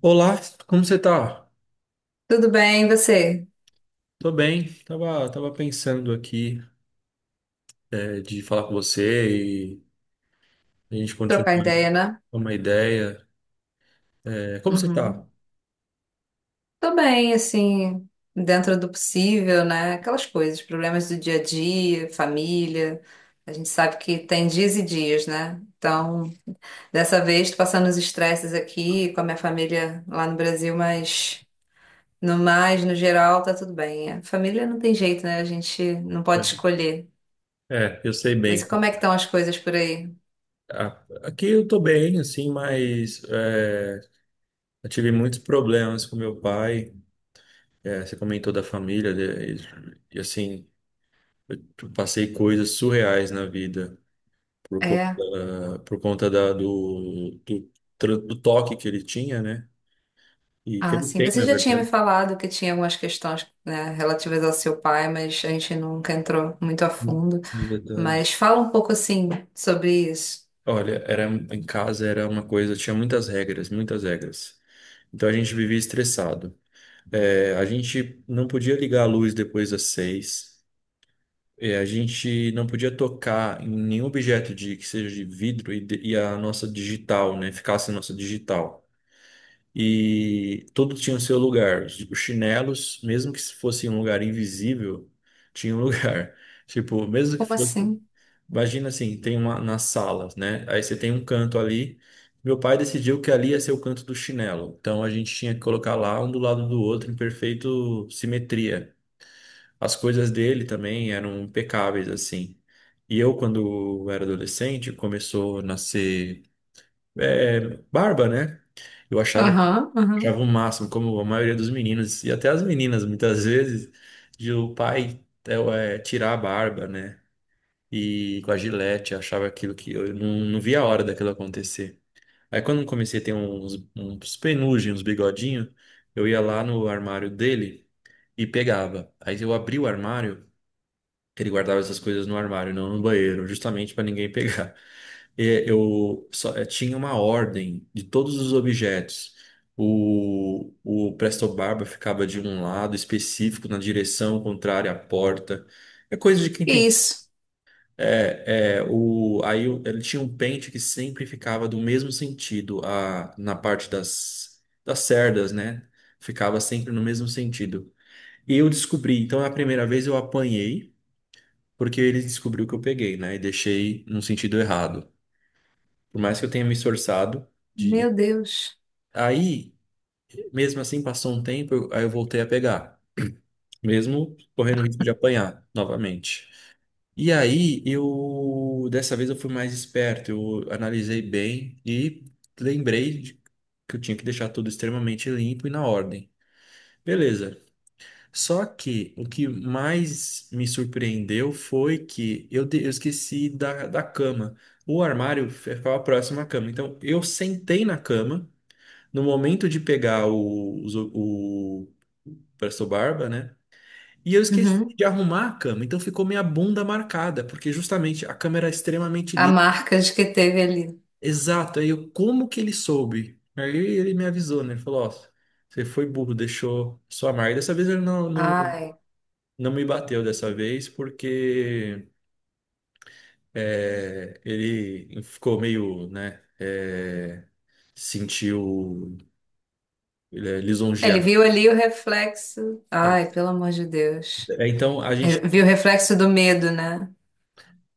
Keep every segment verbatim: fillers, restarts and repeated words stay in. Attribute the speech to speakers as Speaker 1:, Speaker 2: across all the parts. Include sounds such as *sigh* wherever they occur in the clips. Speaker 1: Olá, como você tá?
Speaker 2: Tudo bem, e você?
Speaker 1: Tô bem, tava, tava pensando aqui, é, de falar com você e a gente
Speaker 2: Trocar
Speaker 1: continuar
Speaker 2: ideia, né?
Speaker 1: com uma ideia. É, como você
Speaker 2: Uhum.
Speaker 1: tá?
Speaker 2: Tô bem, assim, dentro do possível, né? Aquelas coisas, problemas do dia a dia, família. A gente sabe que tem dias e dias, né? Então, dessa vez, tô passando os estresses aqui com a minha família lá no Brasil, mas no mais, no geral, tá tudo bem. A família não tem jeito, né? A gente não pode escolher.
Speaker 1: É, eu sei
Speaker 2: Mas e
Speaker 1: bem.
Speaker 2: como é que estão as coisas por aí?
Speaker 1: A- Aqui eu tô bem, assim, mas é, eu tive muitos problemas com meu pai. É, você comentou da família, né, e, e, assim, eu passei coisas surreais na vida por
Speaker 2: É.
Speaker 1: conta, por conta da- do, do, tra- do toque que ele tinha, né? E que
Speaker 2: Ah,
Speaker 1: ele
Speaker 2: sim.
Speaker 1: tem,
Speaker 2: Você
Speaker 1: na
Speaker 2: já tinha me
Speaker 1: verdade.
Speaker 2: falado que tinha algumas questões, né, relativas ao seu pai, mas a gente nunca entrou muito a
Speaker 1: No
Speaker 2: fundo.
Speaker 1: no detalhe.
Speaker 2: Mas fala um pouco assim sobre isso.
Speaker 1: Olha, era em casa era uma coisa, tinha muitas regras, muitas regras. Então a gente vivia estressado. É, a gente não podia ligar a luz depois das seis. É, a gente não podia tocar em nenhum objeto de que seja de vidro e, de- e a nossa digital, né, ficasse a nossa digital. E tudo tinha o seu lugar. Os chinelos, mesmo que fosse em um lugar invisível, tinha um lugar. *laughs* Tipo, mesmo que
Speaker 2: Como
Speaker 1: fosse
Speaker 2: assim?
Speaker 1: imagina assim, tem uma na sala, né? Aí você tem um canto ali. Meu pai decidiu que ali ia ser o canto do chinelo. Então a gente tinha que colocar lá um do lado do outro em perfeito simetria. As coisas dele também eram impecáveis assim. E eu, quando era adolescente, começou a nascer, é, barba, né? Eu achava,
Speaker 2: Aham, aham.
Speaker 1: achava o máximo, como a maioria dos meninos e até as meninas muitas vezes, de o pai, é, tirar a barba, né? E com a Gillette, achava aquilo que eu não, não via a hora daquilo acontecer. Aí quando eu comecei a ter uns, uns penugem, uns bigodinhos, eu ia lá no armário dele e pegava. Aí eu abri o armário, que ele guardava essas coisas no armário, não no banheiro, justamente para ninguém pegar. *laughs* E eu só eu tinha uma ordem de todos os objetos. O, o Presto Barba ficava de um lado específico, na direção contrária à porta. É coisa de quem
Speaker 2: Que
Speaker 1: tem.
Speaker 2: isso?
Speaker 1: É, é, o, aí o- ele tinha um pente que sempre ficava do mesmo sentido, a, na parte das, das cerdas, né? Ficava sempre no mesmo sentido. E eu descobri, então, é a primeira vez eu apanhei, porque ele descobriu que eu peguei, né? E deixei no sentido errado. Por mais que eu tenha me esforçado
Speaker 2: Meu
Speaker 1: de.
Speaker 2: Deus.
Speaker 1: Aí, mesmo assim, passou um tempo, eu- aí eu voltei a pegar, mesmo correndo o risco de apanhar novamente. E aí, eu dessa vez eu fui mais esperto, eu analisei bem e lembrei de- que eu tinha que deixar tudo extremamente limpo e na ordem. Beleza. Só que o que mais me surpreendeu foi que eu, de- eu esqueci da, da cama. O armário ficava próximo à cama. Então, eu sentei na cama. No momento de pegar o, os- o, o presto barba, né? E eu esqueci
Speaker 2: Uhum.
Speaker 1: de arrumar a cama, então ficou minha bunda marcada, porque justamente a cama era extremamente
Speaker 2: A
Speaker 1: lisa.
Speaker 2: marca de que teve ali.
Speaker 1: Exato, aí eu, como que ele soube? Aí ele me avisou, né? Ele falou, ó, você foi burro, deixou sua marca. Dessa vez ele não, não,
Speaker 2: Ai.
Speaker 1: não me bateu dessa vez, porque, é, ele ficou meio, né, é, sentiu, é,
Speaker 2: Ele
Speaker 1: lisonjeado.
Speaker 2: viu ali o reflexo. Ai, pelo amor de Deus.
Speaker 1: É, Então a
Speaker 2: Re-
Speaker 1: gente
Speaker 2: Viu o reflexo do medo, né?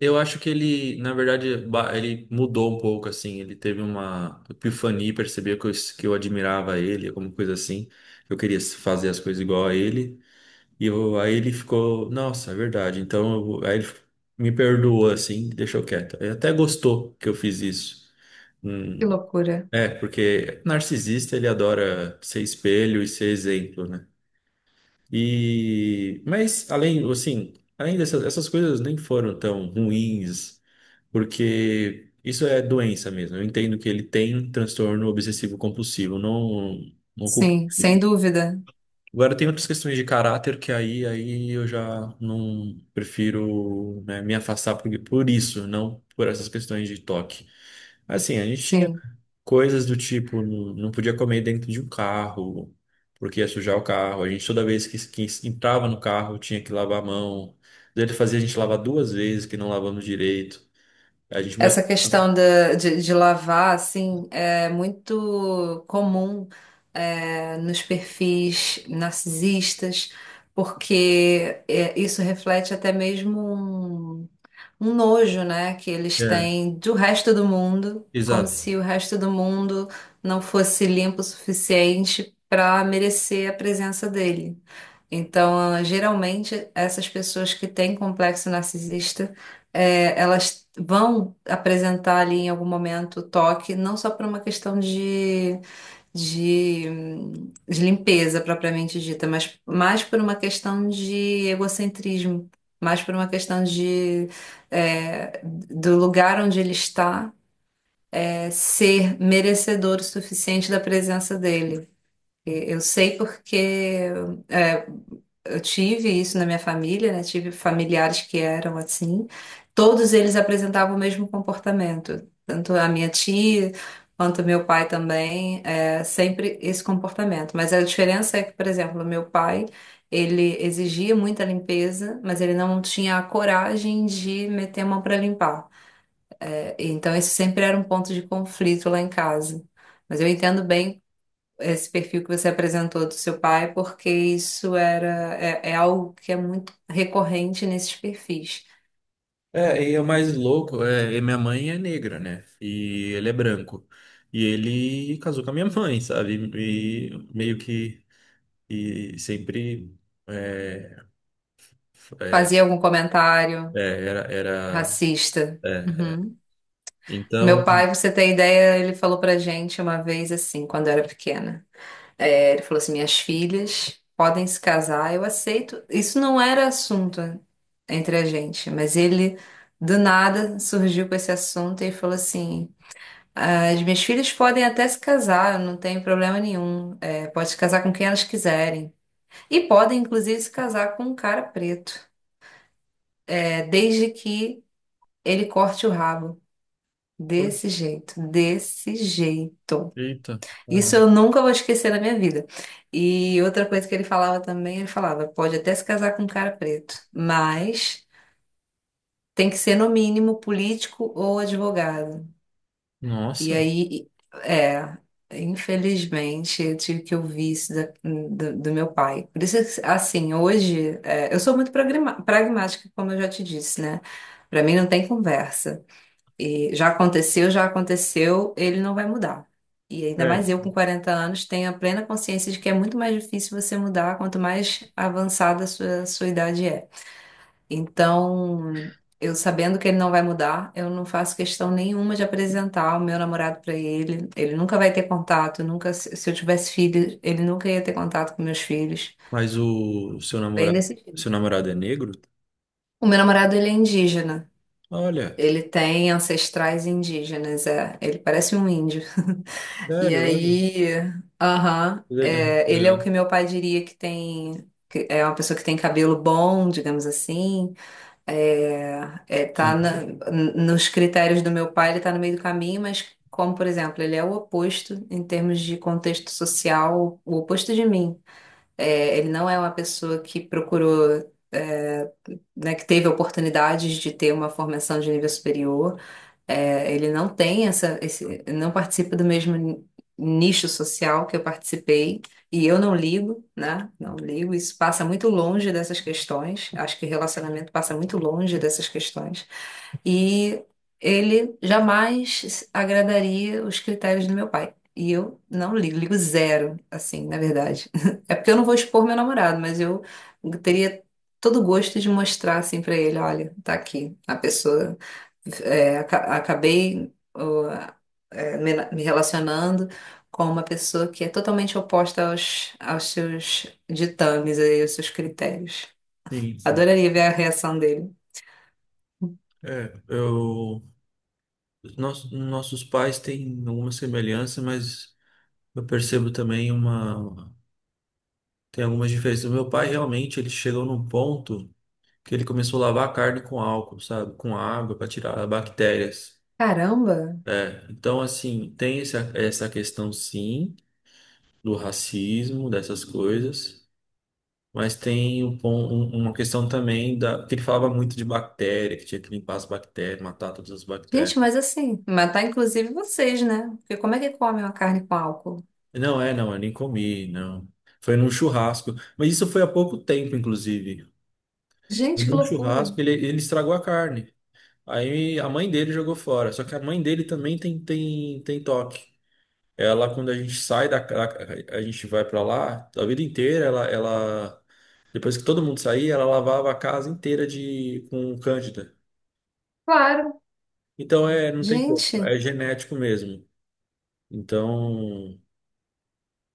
Speaker 1: Eu acho que ele, na verdade, ba- ele mudou um pouco, assim. Ele teve uma epifania, percebeu que eu, que eu admirava ele, alguma coisa assim. Eu queria fazer as coisas igual a ele. E eu- aí ele ficou, nossa, é verdade. Então, eu vou- aí ele me perdoou, assim, deixou quieto. Ele até gostou que eu fiz isso.
Speaker 2: Que
Speaker 1: Hum,
Speaker 2: loucura.
Speaker 1: é, porque narcisista, ele adora ser espelho e ser exemplo, né? E, mas, além, assim, além dessas essas coisas nem foram tão ruins, porque isso é doença mesmo. Eu entendo que ele tem transtorno obsessivo compulsivo, não, não culpo
Speaker 2: Sim, sem
Speaker 1: ele.
Speaker 2: dúvida.
Speaker 1: Agora tem outras questões de caráter que aí, aí eu já não prefiro, né, me afastar por, por isso, não por essas questões de toque. Assim, a gente tinha
Speaker 2: Sim.
Speaker 1: coisas do tipo, não, não podia comer dentro de um carro, porque ia sujar o carro. A gente toda vez que, que entrava no carro tinha que lavar a mão. Ele fazia a gente lavar duas vezes, que não lavamos direito. A gente
Speaker 2: Essa questão da- de, de lavar, assim, é muito comum, é, nos perfis narcisistas, porque é, isso reflete até mesmo um, um nojo, né, que eles
Speaker 1: mostrava.
Speaker 2: têm do resto do mundo, como
Speaker 1: Exato.
Speaker 2: se o resto do mundo não fosse limpo o suficiente para merecer a presença dele. Então, geralmente, essas pessoas que têm complexo narcisista é, elas vão apresentar ali em algum momento toque, não só por uma questão de, de, hum, de limpeza propriamente dita, mas mais por uma questão de egocentrismo, mais por uma questão de é, do lugar onde ele está é, ser merecedor o suficiente da presença dele. E Eu sei porque é, eu tive isso na minha família, né? Tive familiares que eram assim. Todos eles apresentavam o mesmo comportamento. Tanto a minha tia quanto meu pai também, é, sempre esse comportamento. Mas a diferença é que, por exemplo, o meu pai, ele exigia muita limpeza, mas ele não tinha a coragem de meter a mão para limpar. Então, esse sempre era um ponto de conflito lá em casa. Mas eu entendo bem esse perfil que você apresentou do seu pai, porque isso era é, é algo que é muito recorrente nesses perfis.
Speaker 1: É, e é o mais louco, é, e minha mãe é negra, né? E ele é branco. E ele casou com a minha *laughs* mãe, sabe? E meio que, e sempre, é, é,
Speaker 2: Fazia algum comentário
Speaker 1: é, era, era
Speaker 2: racista.
Speaker 1: é.
Speaker 2: Uhum. Meu
Speaker 1: Então,
Speaker 2: pai, você tem ideia, ele falou pra gente uma vez assim, quando eu era pequena. É, ele falou assim: minhas filhas podem se casar, eu aceito. Isso não era assunto entre a gente, mas ele do nada surgiu com esse assunto e falou assim. As minhas filhas podem até se casar, não tem problema nenhum. É, pode se casar com quem elas quiserem. E podem, inclusive, se casar com um cara preto. É, desde que ele corte o rabo.
Speaker 1: poxa,
Speaker 2: Desse jeito, desse jeito.
Speaker 1: eita,
Speaker 2: Isso
Speaker 1: caramba.
Speaker 2: eu nunca vou esquecer na minha vida. E outra coisa que ele falava também, ele falava, pode até se casar com um cara preto, mas tem que ser no mínimo político ou advogado. E
Speaker 1: Nossa.
Speaker 2: aí, é, infelizmente, eu tive que ouvir isso da- do, do meu pai. Por isso, assim, hoje, é, eu sou muito pragma- pragmática, como eu já te disse, né? Pra mim não tem conversa. E já aconteceu, já aconteceu, ele não vai mudar. E ainda mais
Speaker 1: É.
Speaker 2: eu com quarenta anos tenho a plena consciência de que é muito mais difícil você mudar quanto mais avançada a sua, sua idade é. Então, eu sabendo que ele não vai mudar, eu não faço questão nenhuma de apresentar o meu namorado para ele. Ele nunca vai ter contato, nunca, se se eu tivesse filhos, ele nunca ia ter contato com meus filhos.
Speaker 1: Mas o seu
Speaker 2: Bem
Speaker 1: namorado,
Speaker 2: desse. filme.
Speaker 1: seu namorado é negro?
Speaker 2: O meu namorado, ele é indígena.
Speaker 1: Olha,
Speaker 2: Ele tem ancestrais indígenas, é. Ele parece um índio. E
Speaker 1: sério, olha.
Speaker 2: aí, aham,
Speaker 1: Legal,
Speaker 2: é, ele é o
Speaker 1: legal.
Speaker 2: que meu pai diria que tem, que é uma pessoa que tem cabelo bom, digamos assim. É, é, tá
Speaker 1: Sim,
Speaker 2: na- n- nos critérios do meu pai, ele tá no meio do caminho, mas como, por exemplo, ele é o oposto em termos de contexto social, o oposto de mim. É, ele não é uma pessoa que procurou, é, né, que teve oportunidades de ter uma formação de nível superior. É, ele não tem essa, esse, não participa do mesmo nicho social que eu participei, e eu não ligo, né? Não ligo. Isso passa muito longe dessas questões. Acho que relacionamento passa muito longe dessas questões. E ele jamais agradaria os critérios do meu pai. E eu não ligo, ligo zero, assim, na verdade. *laughs* É porque eu não vou expor meu namorado, mas eu teria todo o gosto de mostrar assim pra ele, olha, tá aqui a pessoa é, aca- acabei ó, é, me me relacionando com uma pessoa que é totalmente oposta aos, aos seus ditames e aos seus critérios.
Speaker 1: sim, sim.
Speaker 2: Adoraria ver a reação dele.
Speaker 1: É, eu Os Nos, nossos pais têm alguma semelhança, mas eu percebo também uma. Tem algumas diferenças. Meu pai realmente ele chegou num ponto que ele começou a lavar a carne com álcool, sabe? Com água para tirar bactérias.
Speaker 2: Caramba!
Speaker 1: É, então, assim, tem essa, essa questão, sim, do racismo, dessas coisas, mas tem um, pon- um- uma questão também da, que ele falava muito de bactéria, que tinha que limpar as bactérias, matar todas as
Speaker 2: Gente,
Speaker 1: bactérias.
Speaker 2: mas assim, matar inclusive vocês, né? Porque como é que comem uma carne com álcool?
Speaker 1: Não, É, não, eu nem comi, não. Foi num churrasco. Mas isso foi há pouco tempo, inclusive. Foi
Speaker 2: Gente, que
Speaker 1: num
Speaker 2: loucura!
Speaker 1: churrasco, ele, ele estragou a carne. Aí a mãe dele jogou fora. Só que a mãe dele também tem, tem, tem toque. Ela, quando a gente sai da, a, a gente vai pra lá, a vida inteira, ela, ela, depois que todo mundo saía, ela lavava a casa inteira de, com cândida.
Speaker 2: Claro!
Speaker 1: Então, é, não tem como,
Speaker 2: Gente,
Speaker 1: é genético mesmo. Então,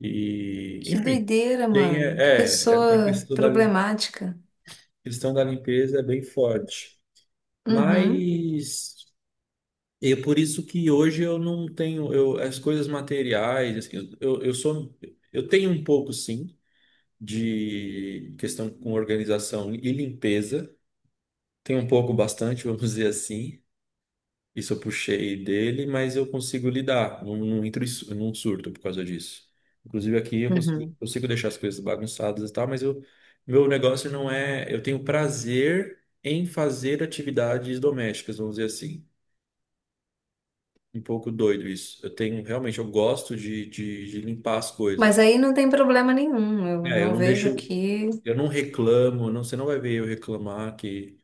Speaker 1: e,
Speaker 2: que
Speaker 1: enfim,
Speaker 2: doideira,
Speaker 1: tem, é,
Speaker 2: mano! Que
Speaker 1: é, é a
Speaker 2: pessoa
Speaker 1: questão da
Speaker 2: problemática.
Speaker 1: questão da limpeza é bem forte.
Speaker 2: Uhum,
Speaker 1: Mas é por isso que hoje eu não tenho eu, as coisas materiais, assim, eu, eu sou eu tenho um pouco, sim, de questão com organização e limpeza, tenho um pouco, bastante, *laughs* vamos dizer assim. Isso eu puxei dele, mas eu consigo lidar, não, não entro em su- num surto por causa disso. Inclusive aqui eu consigo,
Speaker 2: uhum.
Speaker 1: consigo deixar as coisas bagunçadas e tal, mas eu, meu negócio não é. Eu tenho prazer em fazer atividades domésticas, vamos dizer assim. Um pouco doido isso. Eu tenho, realmente, eu gosto de, de, de limpar as
Speaker 2: Mas
Speaker 1: coisas.
Speaker 2: aí não tem problema nenhum. Eu
Speaker 1: É, eu
Speaker 2: não
Speaker 1: não
Speaker 2: vejo
Speaker 1: deixo.
Speaker 2: aqui.
Speaker 1: Eu não reclamo, não, você não vai ver eu reclamar que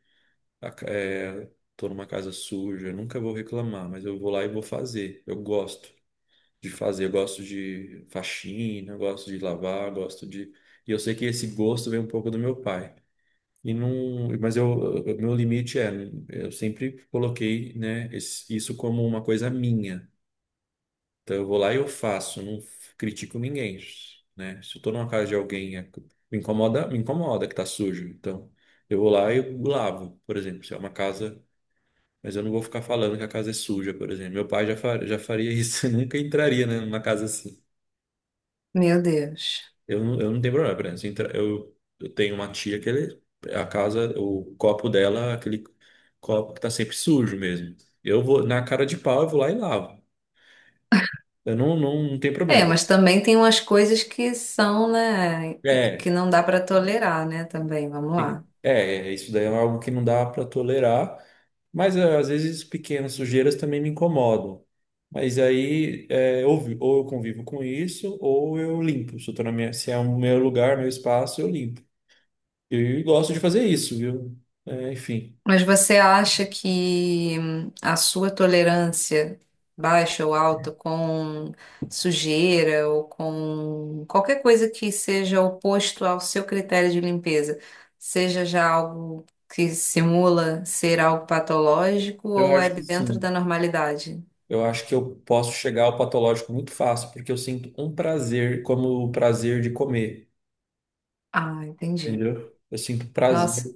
Speaker 1: a ca- é, tô numa casa suja, eu nunca vou reclamar, mas eu vou lá e vou fazer. Eu gosto de fazer. Eu gosto de faxina, eu gosto de lavar, eu gosto de. E eu sei que esse gosto vem um pouco do meu pai. E não, mas eu, eu- meu limite é, eu sempre coloquei, né, esse- isso como uma coisa minha. Então eu vou lá e eu faço, não f- critico ninguém, né? Se eu tô numa casa de alguém, é- me incomoda, me incomoda que tá sujo. Então eu vou lá e eu lavo, por exemplo, se é uma casa, mas eu não vou ficar falando que a casa é suja, por exemplo. Meu pai já, fa- já faria isso, *laughs* nunca entraria, né, numa casa assim.
Speaker 2: Meu Deus.
Speaker 1: Eu, não- eu não tenho problema, por exemplo, se entra- eu, eu tenho uma tia que ele, a casa, o copo dela, é aquele copo que tá sempre sujo mesmo. Eu vou, na cara de pau, eu vou lá e lavo. Eu não, não, não tenho
Speaker 2: É,
Speaker 1: problema.
Speaker 2: mas também tem umas coisas que são, né, que
Speaker 1: É,
Speaker 2: não dá para tolerar, né, também, vamos
Speaker 1: e-
Speaker 2: lá.
Speaker 1: é, é, isso daí é algo que não dá para tolerar, mas é, às vezes pequenas sujeiras também me incomodam. Mas aí, é, ou, vi- ou eu convivo com isso, ou eu limpo. Se, Eu tô na minha, se é o meu lugar, meu espaço, eu limpo. Eu gosto de fazer isso, viu? É, enfim.
Speaker 2: Mas você acha que hum, a sua tolerância baixa ou alta com sujeira ou com qualquer coisa que seja oposto ao seu critério de limpeza, seja já algo que simula ser algo patológico
Speaker 1: Eu
Speaker 2: ou é
Speaker 1: acho que
Speaker 2: dentro
Speaker 1: sim.
Speaker 2: da normalidade?
Speaker 1: Eu acho que eu posso chegar ao patológico muito fácil, porque eu sinto um prazer como o prazer de comer,
Speaker 2: Ah, entendi.
Speaker 1: entendeu? Eu sinto prazer
Speaker 2: Nossa.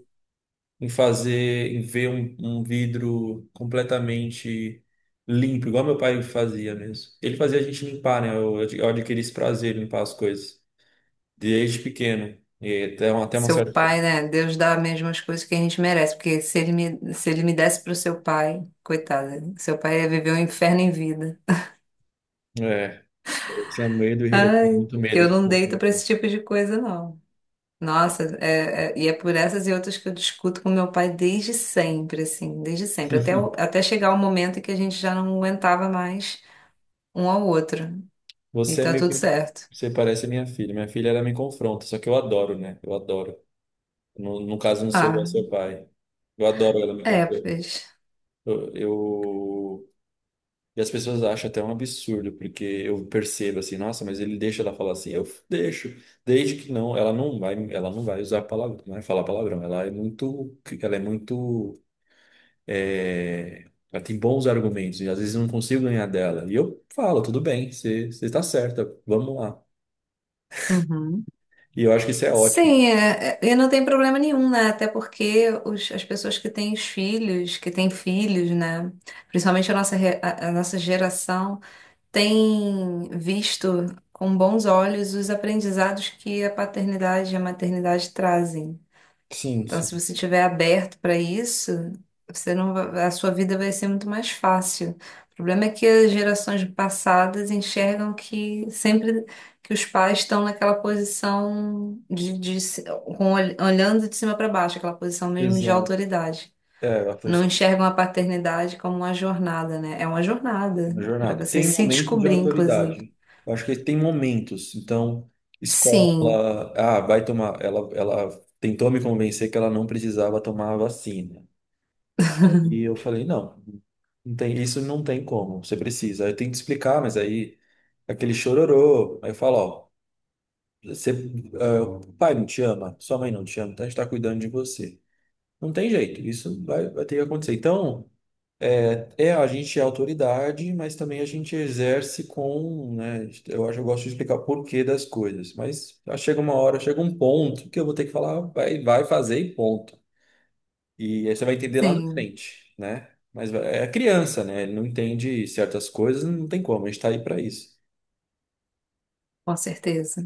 Speaker 1: em fazer, em ver um, um vidro completamente limpo, igual meu pai fazia mesmo. Ele fazia a gente limpar, né? Eu, eu adquiri esse prazer em limpar as coisas desde pequeno. E até, uma- até uma
Speaker 2: Seu
Speaker 1: certa.
Speaker 2: pai, né? Deus dá mesmo as coisas que a gente merece, porque se ele me, se ele me desse pro seu pai, coitado, seu pai ia viver um inferno em vida.
Speaker 1: É, eu tinha medo, e eu tinha
Speaker 2: Ai,
Speaker 1: muito medo
Speaker 2: eu
Speaker 1: de
Speaker 2: não deito pra
Speaker 1: confrontar.
Speaker 2: esse tipo de coisa, não. Nossa, é- é- e é por essas e outras que eu discuto com meu pai desde sempre, assim, desde sempre, até, o- até chegar o momento em que a gente já não aguentava mais um ao outro. E
Speaker 1: Você é
Speaker 2: tá
Speaker 1: meio
Speaker 2: tudo
Speaker 1: que.
Speaker 2: certo.
Speaker 1: Você parece minha filha. Minha filha, ela me confronta, só que eu adoro, né? Eu adoro. No, no caso, eu não sou igual ao
Speaker 2: Ah,
Speaker 1: seu pai. Eu adoro ela me
Speaker 2: é,
Speaker 1: confrontar.
Speaker 2: pois.
Speaker 1: Eu, eu- E as pessoas acham até um absurdo, porque eu percebo assim, nossa, mas ele deixa ela falar assim. Eu deixo. Desde que não, ela não vai, ela não vai usar palavrão, não vai falar palavrão. Ela é muito. Ela é muito. é, Ela tem bons argumentos e às vezes eu não consigo ganhar dela. E eu falo, tudo bem, você você está certa, vamos lá.
Speaker 2: Uhum.
Speaker 1: E eu acho que isso é ótimo.
Speaker 2: Sim, é- é- e não tem problema nenhum, né? Até porque os- as pessoas que têm os filhos, que têm filhos, né? Principalmente a nossa, re- a, a nossa geração, tem visto com bons olhos os aprendizados que a paternidade e a maternidade trazem.
Speaker 1: Sim,
Speaker 2: Então, se
Speaker 1: sim.
Speaker 2: você estiver aberto para isso, você não va- a sua vida vai ser muito mais fácil. O problema é que as gerações passadas enxergam que sempre que os pais estão naquela posição de, de se- com, ol- olhando de cima para baixo, aquela posição mesmo de
Speaker 1: Exato.
Speaker 2: autoridade.
Speaker 1: É, a
Speaker 2: Não
Speaker 1: pressão
Speaker 2: enxergam a paternidade como uma jornada, né? É uma jornada
Speaker 1: na
Speaker 2: para
Speaker 1: jornada.
Speaker 2: você
Speaker 1: Tem
Speaker 2: se
Speaker 1: momentos de
Speaker 2: descobrir, inclusive.
Speaker 1: autoridade. Eu acho que tem momentos. Então,
Speaker 2: Sim,
Speaker 1: escola, ah, vai tomar. Ela, ela tentou me convencer que ela não precisava tomar a vacina. E eu falei, não, não tem, isso não tem como. Você precisa. Aí eu tenho que explicar, mas aí aquele chororô. Aí eu falo, ó, você, ah, o pai não te ama, sua mãe não te ama, então a gente tá cuidando de você. Não tem jeito. Isso vai, vai ter que acontecer. Então. É, a gente é autoridade, mas também a gente exerce com, né? Eu acho, eu gosto de explicar o porquê das coisas, mas chega uma hora, chega um ponto que eu vou ter que falar, vai, vai fazer e ponto. E aí você vai entender lá na
Speaker 2: sim,
Speaker 1: frente, né? Mas é criança, né? Ele não entende certas coisas, não tem como, a gente tá aí para isso.
Speaker 2: com certeza.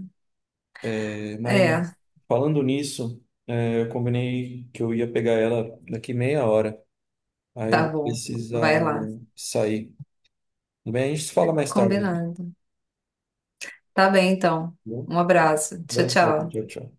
Speaker 1: É, mas
Speaker 2: É,
Speaker 1: falando nisso, é, eu combinei que eu ia pegar ela daqui meia hora. Aí eu
Speaker 2: tá
Speaker 1: vou
Speaker 2: bom.
Speaker 1: precisar
Speaker 2: Vai lá.
Speaker 1: sair. Tudo bem, a gente se fala mais tarde, então.
Speaker 2: Combinado. Tá bem, então.
Speaker 1: Viu?
Speaker 2: Um abraço. Tchau,
Speaker 1: Abração,
Speaker 2: tchau.
Speaker 1: tchau, tchau.